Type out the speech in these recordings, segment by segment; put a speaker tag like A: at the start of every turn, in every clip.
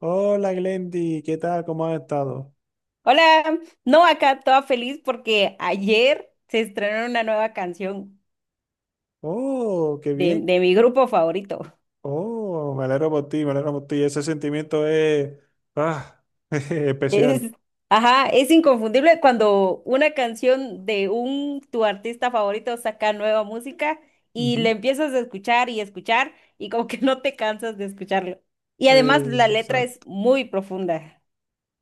A: Hola Glendy, ¿qué tal? ¿Cómo has estado?
B: Hola, no, acá toda feliz porque ayer se estrenó una nueva canción
A: Oh, qué
B: de,
A: bien.
B: de mi grupo favorito.
A: Oh, me alegro por ti, me alegro por ti. Ese sentimiento es ah,
B: Es,
A: especial.
B: ajá, es inconfundible cuando una canción de un tu artista favorito saca nueva música y le
A: Ujú.
B: empiezas a escuchar y escuchar y como que no te cansas de escucharlo. Y además la letra es
A: Exacto.
B: muy profunda,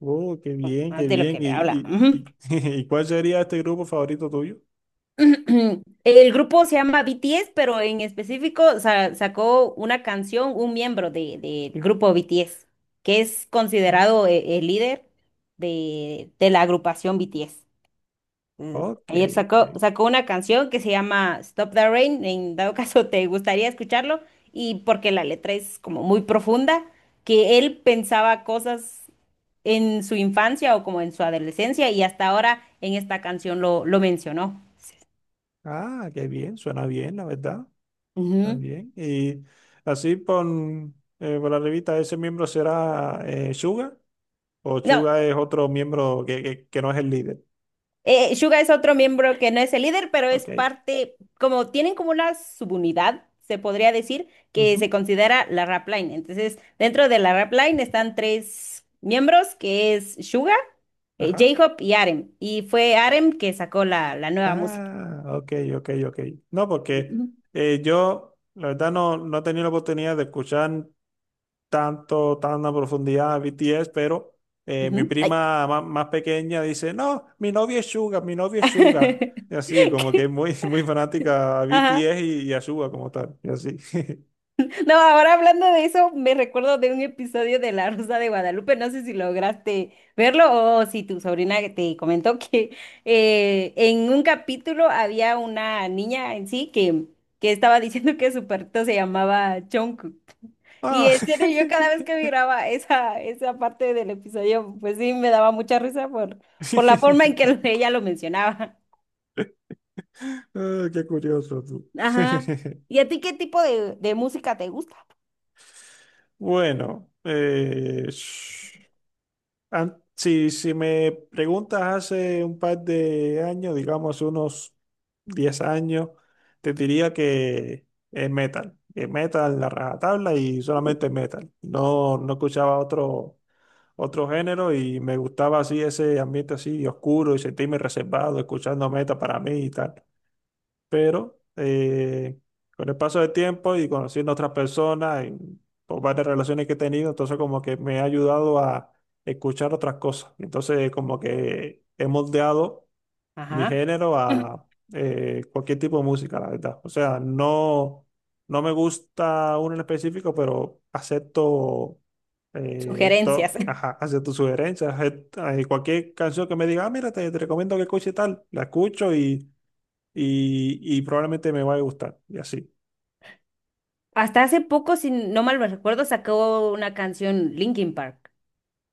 A: Oh, qué bien,
B: más
A: qué
B: de lo
A: bien.
B: que
A: ¿Y,
B: le habla.
A: y,
B: Ujú.
A: y, ¿y cuál sería este grupo favorito tuyo?
B: El grupo se llama BTS, pero en específico sacó una canción, un miembro del grupo BTS, que es
A: Mm.
B: considerado el líder de la agrupación BTS. Mm,
A: Ok,
B: Ayer
A: ok.
B: sacó una canción que se llama Stop the Rain, en dado caso te gustaría escucharlo, y porque la letra es como muy profunda, que él pensaba cosas en su infancia o como en su adolescencia, y hasta ahora en esta canción lo mencionó.
A: Ah, qué bien, suena bien, la verdad.
B: Ujú.
A: También. Y así por, por la revista, ¿ese miembro será Suga? ¿O
B: No,
A: Suga es otro miembro que no es el líder?
B: Suga es otro miembro que no es el líder, pero es
A: Ok,
B: parte, como tienen como una subunidad, se podría decir, que
A: ujú,
B: se considera la rap line. Entonces, dentro de la rap line están tres miembros, que es Suga,
A: ajá.
B: J-Hope y Arem. Y fue Arem que sacó la nueva música.
A: Ah, ok, ok, ok. No, porque
B: Ujú,
A: yo, la verdad, no he tenido la oportunidad de escuchar tanto, tan a profundidad a BTS, pero mi
B: ujú, ay.
A: prima más pequeña dice, no, mi novio es Suga, mi novio es Suga. Y así, como que es muy, muy fanática a
B: Ajá.
A: BTS y a Suga como tal. Y así.
B: No, ahora hablando de eso, me recuerdo de un episodio de La Rosa de Guadalupe. No sé si lograste verlo o si tu sobrina te comentó que en un capítulo había una niña en sí que estaba diciendo que su perrito se llamaba Jungkook.
A: Ah.
B: Y en serio, yo cada vez que miraba esa parte del episodio, pues sí, me daba mucha risa por la forma en que ella lo mencionaba.
A: Ah, qué curioso tú.
B: Ajá. ¿Y a ti qué tipo de música te gusta?
A: Bueno, si, si me preguntas hace un par de años, digamos unos 10 años, te diría que es metal. Es metal la rajatabla y solamente metal. No escuchaba otro género y me gustaba así ese ambiente así oscuro y sentirme reservado escuchando metal para mí y tal, pero con el paso del tiempo y conociendo a otras personas y por varias relaciones que he tenido, entonces como que me ha ayudado a escuchar otras cosas. Entonces como que he moldeado mi
B: Ajá.
A: género a cualquier tipo de música, la verdad. O sea, no, no me gusta uno en específico, pero acepto...
B: Sugerencias.
A: ajá, hacia tus sugerencias, cualquier canción que me diga: "Ah, mira, te recomiendo que escuche tal", la escucho y y probablemente me va a gustar, y así.
B: Hasta hace poco, si no mal me recuerdo, sacó una canción Linkin Park.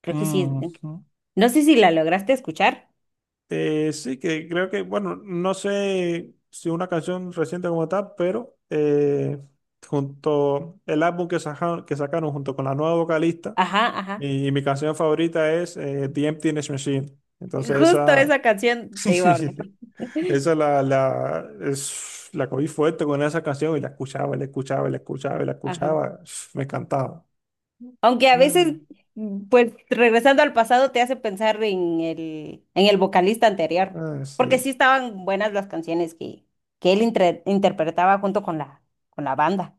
B: Creo que sí, es Linkin-
A: Ujú.
B: No sé si la lograste escuchar.
A: Sí, que creo que, bueno, no sé si una canción reciente como tal, pero junto el álbum que sacaron junto con la nueva vocalista,
B: Ajá, ajá.
A: mi canción favorita es The Emptiness Machine. Entonces
B: Justo
A: esa,
B: esa canción te iba a hablar.
A: esa la, la, es, la cogí fuerte con esa canción y la escuchaba, la escuchaba, la escuchaba, la
B: Ajá.
A: escuchaba, me encantaba.
B: Aunque a
A: Ah,
B: veces, pues regresando al pasado, te hace pensar en el, vocalista anterior.
A: ah,
B: Porque
A: sí.
B: sí estaban buenas las canciones que él interpretaba junto con la banda.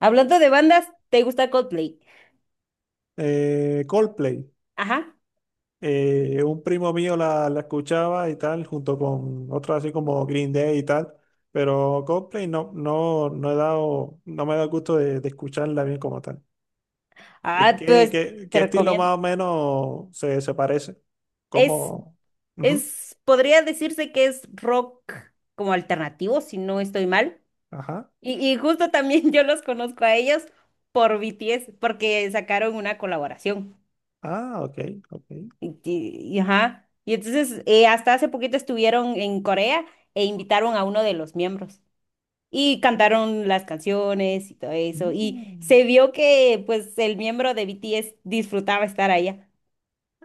B: Hablando de bandas, ¿te gusta Coldplay?
A: Coldplay.
B: Ajá.
A: Un primo mío la escuchaba y tal, junto con otros así como Green Day y tal, pero Coldplay no he dado, no me da el gusto de escucharla bien como tal.
B: Ah,
A: ¿Qué,
B: pues
A: qué, qué
B: te
A: estilo
B: recomiendo.
A: más o menos se parece?
B: Es
A: ¿Cómo? Ujú,
B: Es, podría decirse que es rock como alternativo, si no estoy mal.
A: ajá.
B: Y justo también yo los conozco a ellos por BTS, porque sacaron una colaboración.
A: Ah, ok, ok.
B: Ajá. Y entonces, hasta hace poquito estuvieron en Corea e invitaron a uno de los miembros. Y cantaron las canciones y todo eso. Y
A: Mm.
B: se vio que, pues, el miembro de BTS disfrutaba estar allá,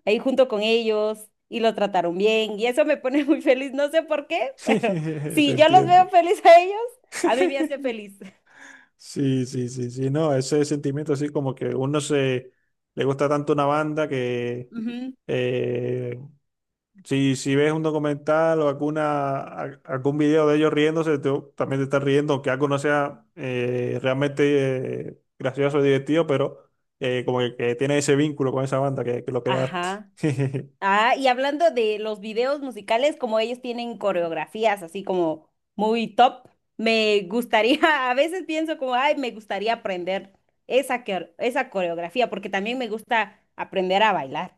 B: ahí junto con ellos y lo trataron bien y eso me pone muy feliz, no sé por qué, pero
A: Te
B: si yo los veo
A: entiendo.
B: feliz a ellos, a mí me hace feliz.
A: Sí, sí, sí, sí, no, ese sentimiento así como que uno se le gusta tanto una banda que.
B: Ujú.
A: Eh, si, si ves un documental o algún video de ellos riéndose, tú también te estás riendo, aunque algo no sea realmente gracioso o divertido, pero como que tiene ese vínculo con esa banda que lo creaste.
B: Ajá. Ah, y hablando de los videos musicales, como ellos tienen coreografías así como muy top, me gustaría, a veces pienso como, ay, me gustaría aprender esa, esa coreografía, porque también me gusta aprender a bailar.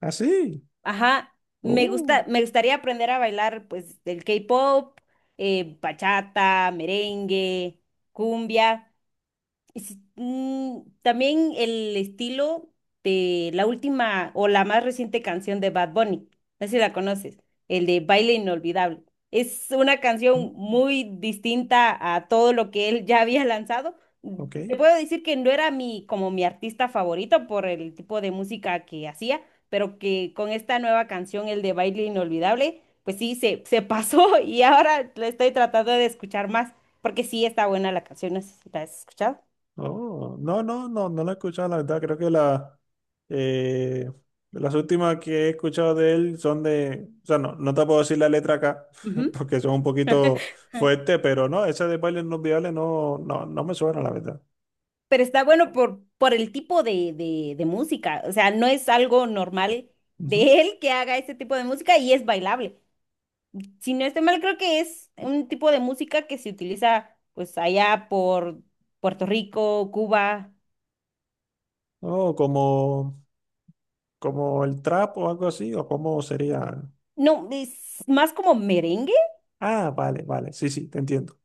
A: Así.
B: Ajá, me
A: Oh,
B: gusta, me gustaría aprender a bailar pues el K-pop, bachata, merengue, cumbia. También el estilo de la última o la más reciente canción de Bad Bunny, no sé si la conoces, el de Baile Inolvidable. Es una canción
A: mm,
B: muy distinta a todo lo que él ya había lanzado.
A: ok.
B: Te puedo decir que no era como mi artista favorito por el tipo de música que hacía, pero que con esta nueva canción, el de Baile Inolvidable, pues sí, se, pasó y ahora la estoy tratando de escuchar más, porque sí está buena la canción, no sé si la has escuchado.
A: Oh, no, no, no, no la he escuchado, la verdad. Creo que la, eh, las últimas que he escuchado de él son de. O sea, no, no te puedo decir la letra acá,
B: Ujú.
A: porque son un poquito fuertes, pero no, esa de bailes no viales no, no, no me suena, la verdad.
B: Pero está bueno por el tipo de música. O sea, no es algo normal
A: Ujú.
B: de él que haga ese tipo de música y es bailable. Si no estoy mal, creo que es un tipo de música que se utiliza pues allá por Puerto Rico, Cuba.
A: Oh, como, como el trap o algo así, o cómo sería.
B: No, es más como merengue.
A: Ah, vale, vale, sí, sí, te entiendo.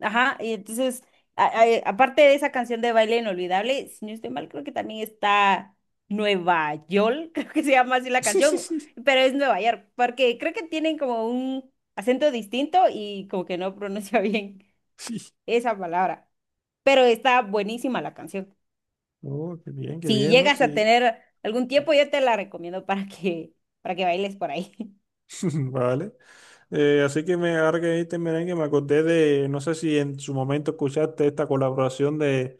B: Ajá, y entonces, aparte de esa canción de Baile Inolvidable, si no estoy mal, creo que también está Nueva York, creo que se llama así la
A: Sí, sí,
B: canción,
A: sí.
B: pero es Nueva York, porque creo que tienen como un acento distinto y como que no pronuncia bien esa palabra, pero está buenísima la canción.
A: Oh, qué
B: Si
A: bien, ¿no?
B: llegas a
A: Sí.
B: tener algún tiempo, yo te la recomiendo para que, bailes por ahí.
A: Vale. Así que me ahora que dijiste merengue, me acordé de, no sé si en su momento escuchaste esta colaboración de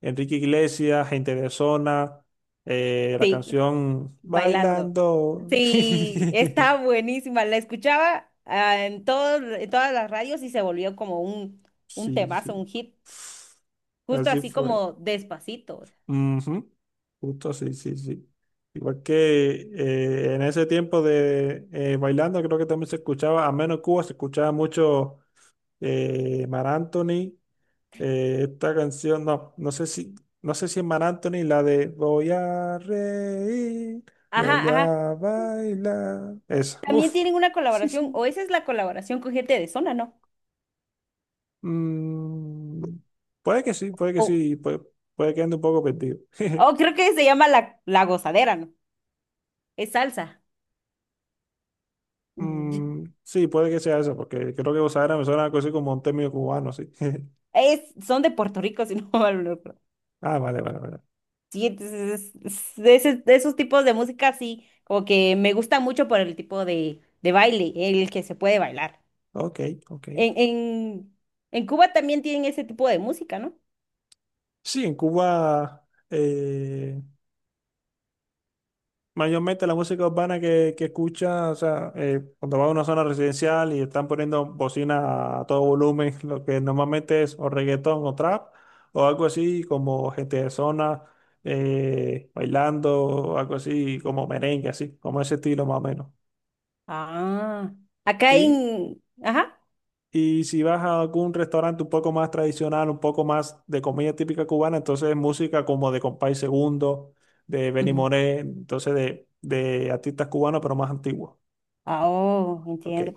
A: Enrique Iglesias, Gente de Zona, la
B: Sí.
A: canción
B: Bailando.
A: Bailando.
B: Sí, está buenísima. La escuchaba en todos, en todas las radios y se volvió como un
A: Sí,
B: temazo,
A: sí.
B: un hit, justo
A: Así
B: así
A: fue.
B: como Despacito.
A: Ujú. Justo sí sí, sí. Igual que en ese tiempo de bailando, creo que también se escuchaba, a menos Cuba, se escuchaba mucho Mar Anthony. Esta canción, no sé si, no sé si es Mar Anthony, la de Voy a reír, voy
B: Ajá, ajá.
A: a bailar. Esa,
B: También
A: uff.
B: tienen una colaboración, o esa es la colaboración con gente de zona, ¿no?
A: Mm, puede que sí, puede que
B: O
A: sí, puede, puede que ande un poco perdido.
B: o creo que se llama la gozadera, ¿no? Es salsa. Y-
A: Mm, sí, puede que sea eso porque creo que Osadera me suena algo así como un término cubano, sí.
B: Son de Puerto Rico, si no mal no recuerdo.
A: Ah, vale, vale, vale.
B: Sí, entonces de esos tipos de música sí, como que me gusta mucho por el tipo de baile, el que se puede bailar.
A: Ok, ok.
B: En, en, en Cuba también tienen ese tipo de música, ¿no?
A: Sí, en Cuba. eh, Mayormente la música urbana que escucha, o sea, cuando va a una zona residencial y están poniendo bocina a todo volumen, lo que normalmente es o reggaetón o trap, o algo así como gente de zona bailando, o algo así como merengue, así, como ese estilo más o menos.
B: Ah, acá
A: Y,
B: en. Ajá.
A: y si vas a algún restaurante un poco más tradicional, un poco más de comida típica cubana, entonces es música como de Compay Segundo, de Benny
B: Ujú.
A: Moré, entonces de artistas cubanos, pero más antiguos.
B: Ah, oh,
A: Ok.
B: entiendo.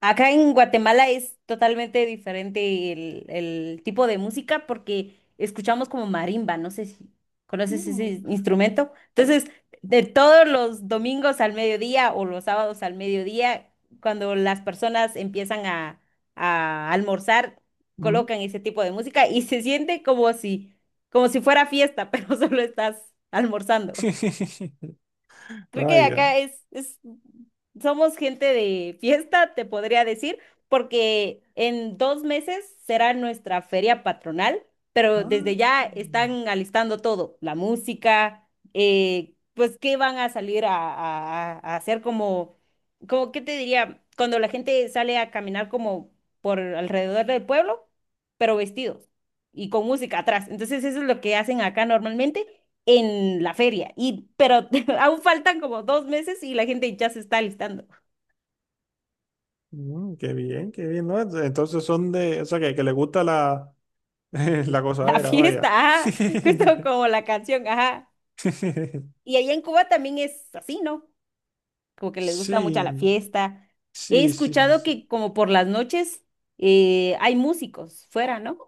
B: Acá en Guatemala es totalmente diferente el, tipo de música porque escuchamos como marimba, no sé si conoces ese instrumento. Entonces, de todos los domingos al mediodía o los sábados al mediodía, cuando las personas empiezan a almorzar,
A: Mm.
B: colocan ese tipo de música y se siente como si, fuera fiesta, pero solo estás almorzando. Creo que
A: Vaya.
B: acá somos gente de fiesta, te podría decir, porque en 2 meses será nuestra feria patronal, pero
A: Ah,
B: desde ya están alistando todo, la música, pues qué van a salir a hacer como, ¿qué te diría? Cuando la gente sale a caminar como por alrededor del pueblo, pero vestidos y con música atrás. Entonces eso es lo que hacen acá normalmente en la feria. Pero aún faltan como 2 meses y la gente ya se está alistando.
A: mm, mm, qué bien, ¿no? Entonces son de, o sea, que le gusta la, la
B: La
A: gozadera,
B: fiesta,
A: vaya.
B: ajá, justo como la canción, ajá. Y allá en Cuba también es así, ¿no? Como que les gusta mucho la
A: Sí,
B: fiesta. He
A: sí, sí,
B: escuchado
A: sí.
B: que como por las noches hay músicos fuera, ¿no?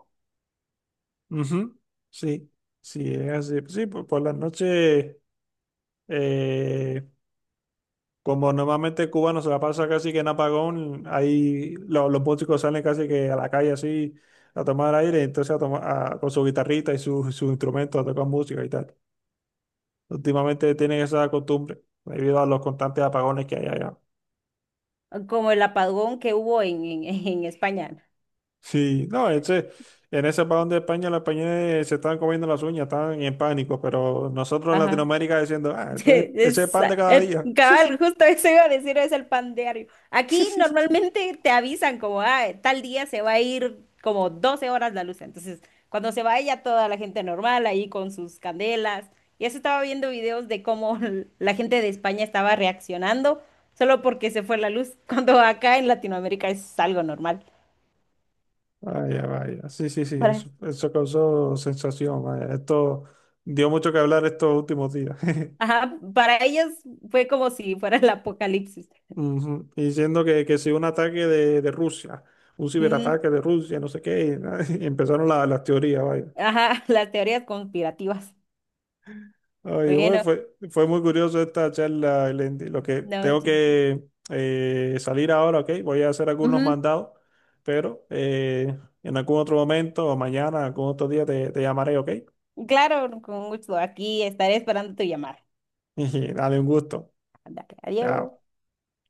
A: Ujú, sí, sí, es así. Sí, por las noches. Como normalmente Cuba cubano se la pasa casi que en apagón, ahí los músicos salen casi que a la calle así a tomar aire, entonces a con su guitarrita y su instrumento a tocar música y tal. Últimamente tienen esa costumbre debido a los constantes apagones que hay allá.
B: Como el apagón que hubo en España.
A: Sí, no, ese, en ese apagón de España los españoles se están comiendo las uñas, están en pánico, pero nosotros en
B: Ajá.
A: Latinoamérica diciendo, ah, eso es, ese es
B: Es,
A: pan de cada día.
B: Cabal, justo eso iba a decir, es el pan diario. Aquí normalmente te avisan como, ah, tal día se va a ir como 12 horas la luz. Entonces, cuando se vaya toda la gente normal ahí con sus candelas. Y eso estaba viendo videos de cómo la gente de España estaba reaccionando solo porque se fue la luz, cuando acá en Latinoamérica es algo normal.
A: Vaya, vaya. Sí, sí, sí,
B: Para,
A: eso causó sensación, vaya. Esto dio mucho que hablar estos últimos días.
B: ajá, para ellos fue como si fuera el apocalipsis.
A: Ujú. Y diciendo que si un ataque de Rusia, un
B: Mm,
A: ciberataque de Rusia, no sé qué, y, y empezaron las teorías, vaya.
B: ajá, las teorías conspirativas.
A: Oye, bueno,
B: Bueno.
A: fue, fue muy curioso esta charla, Elendi. Lo que
B: No,
A: tengo
B: sí.
A: que salir ahora, ok, voy a hacer algunos mandados, pero en algún otro momento o mañana, algún otro día te llamaré, ok.
B: Ujú. Claro, con gusto. Aquí estaré esperando tu llamada.
A: Y Dale un gusto.
B: Ándale,
A: Chao.
B: adiós.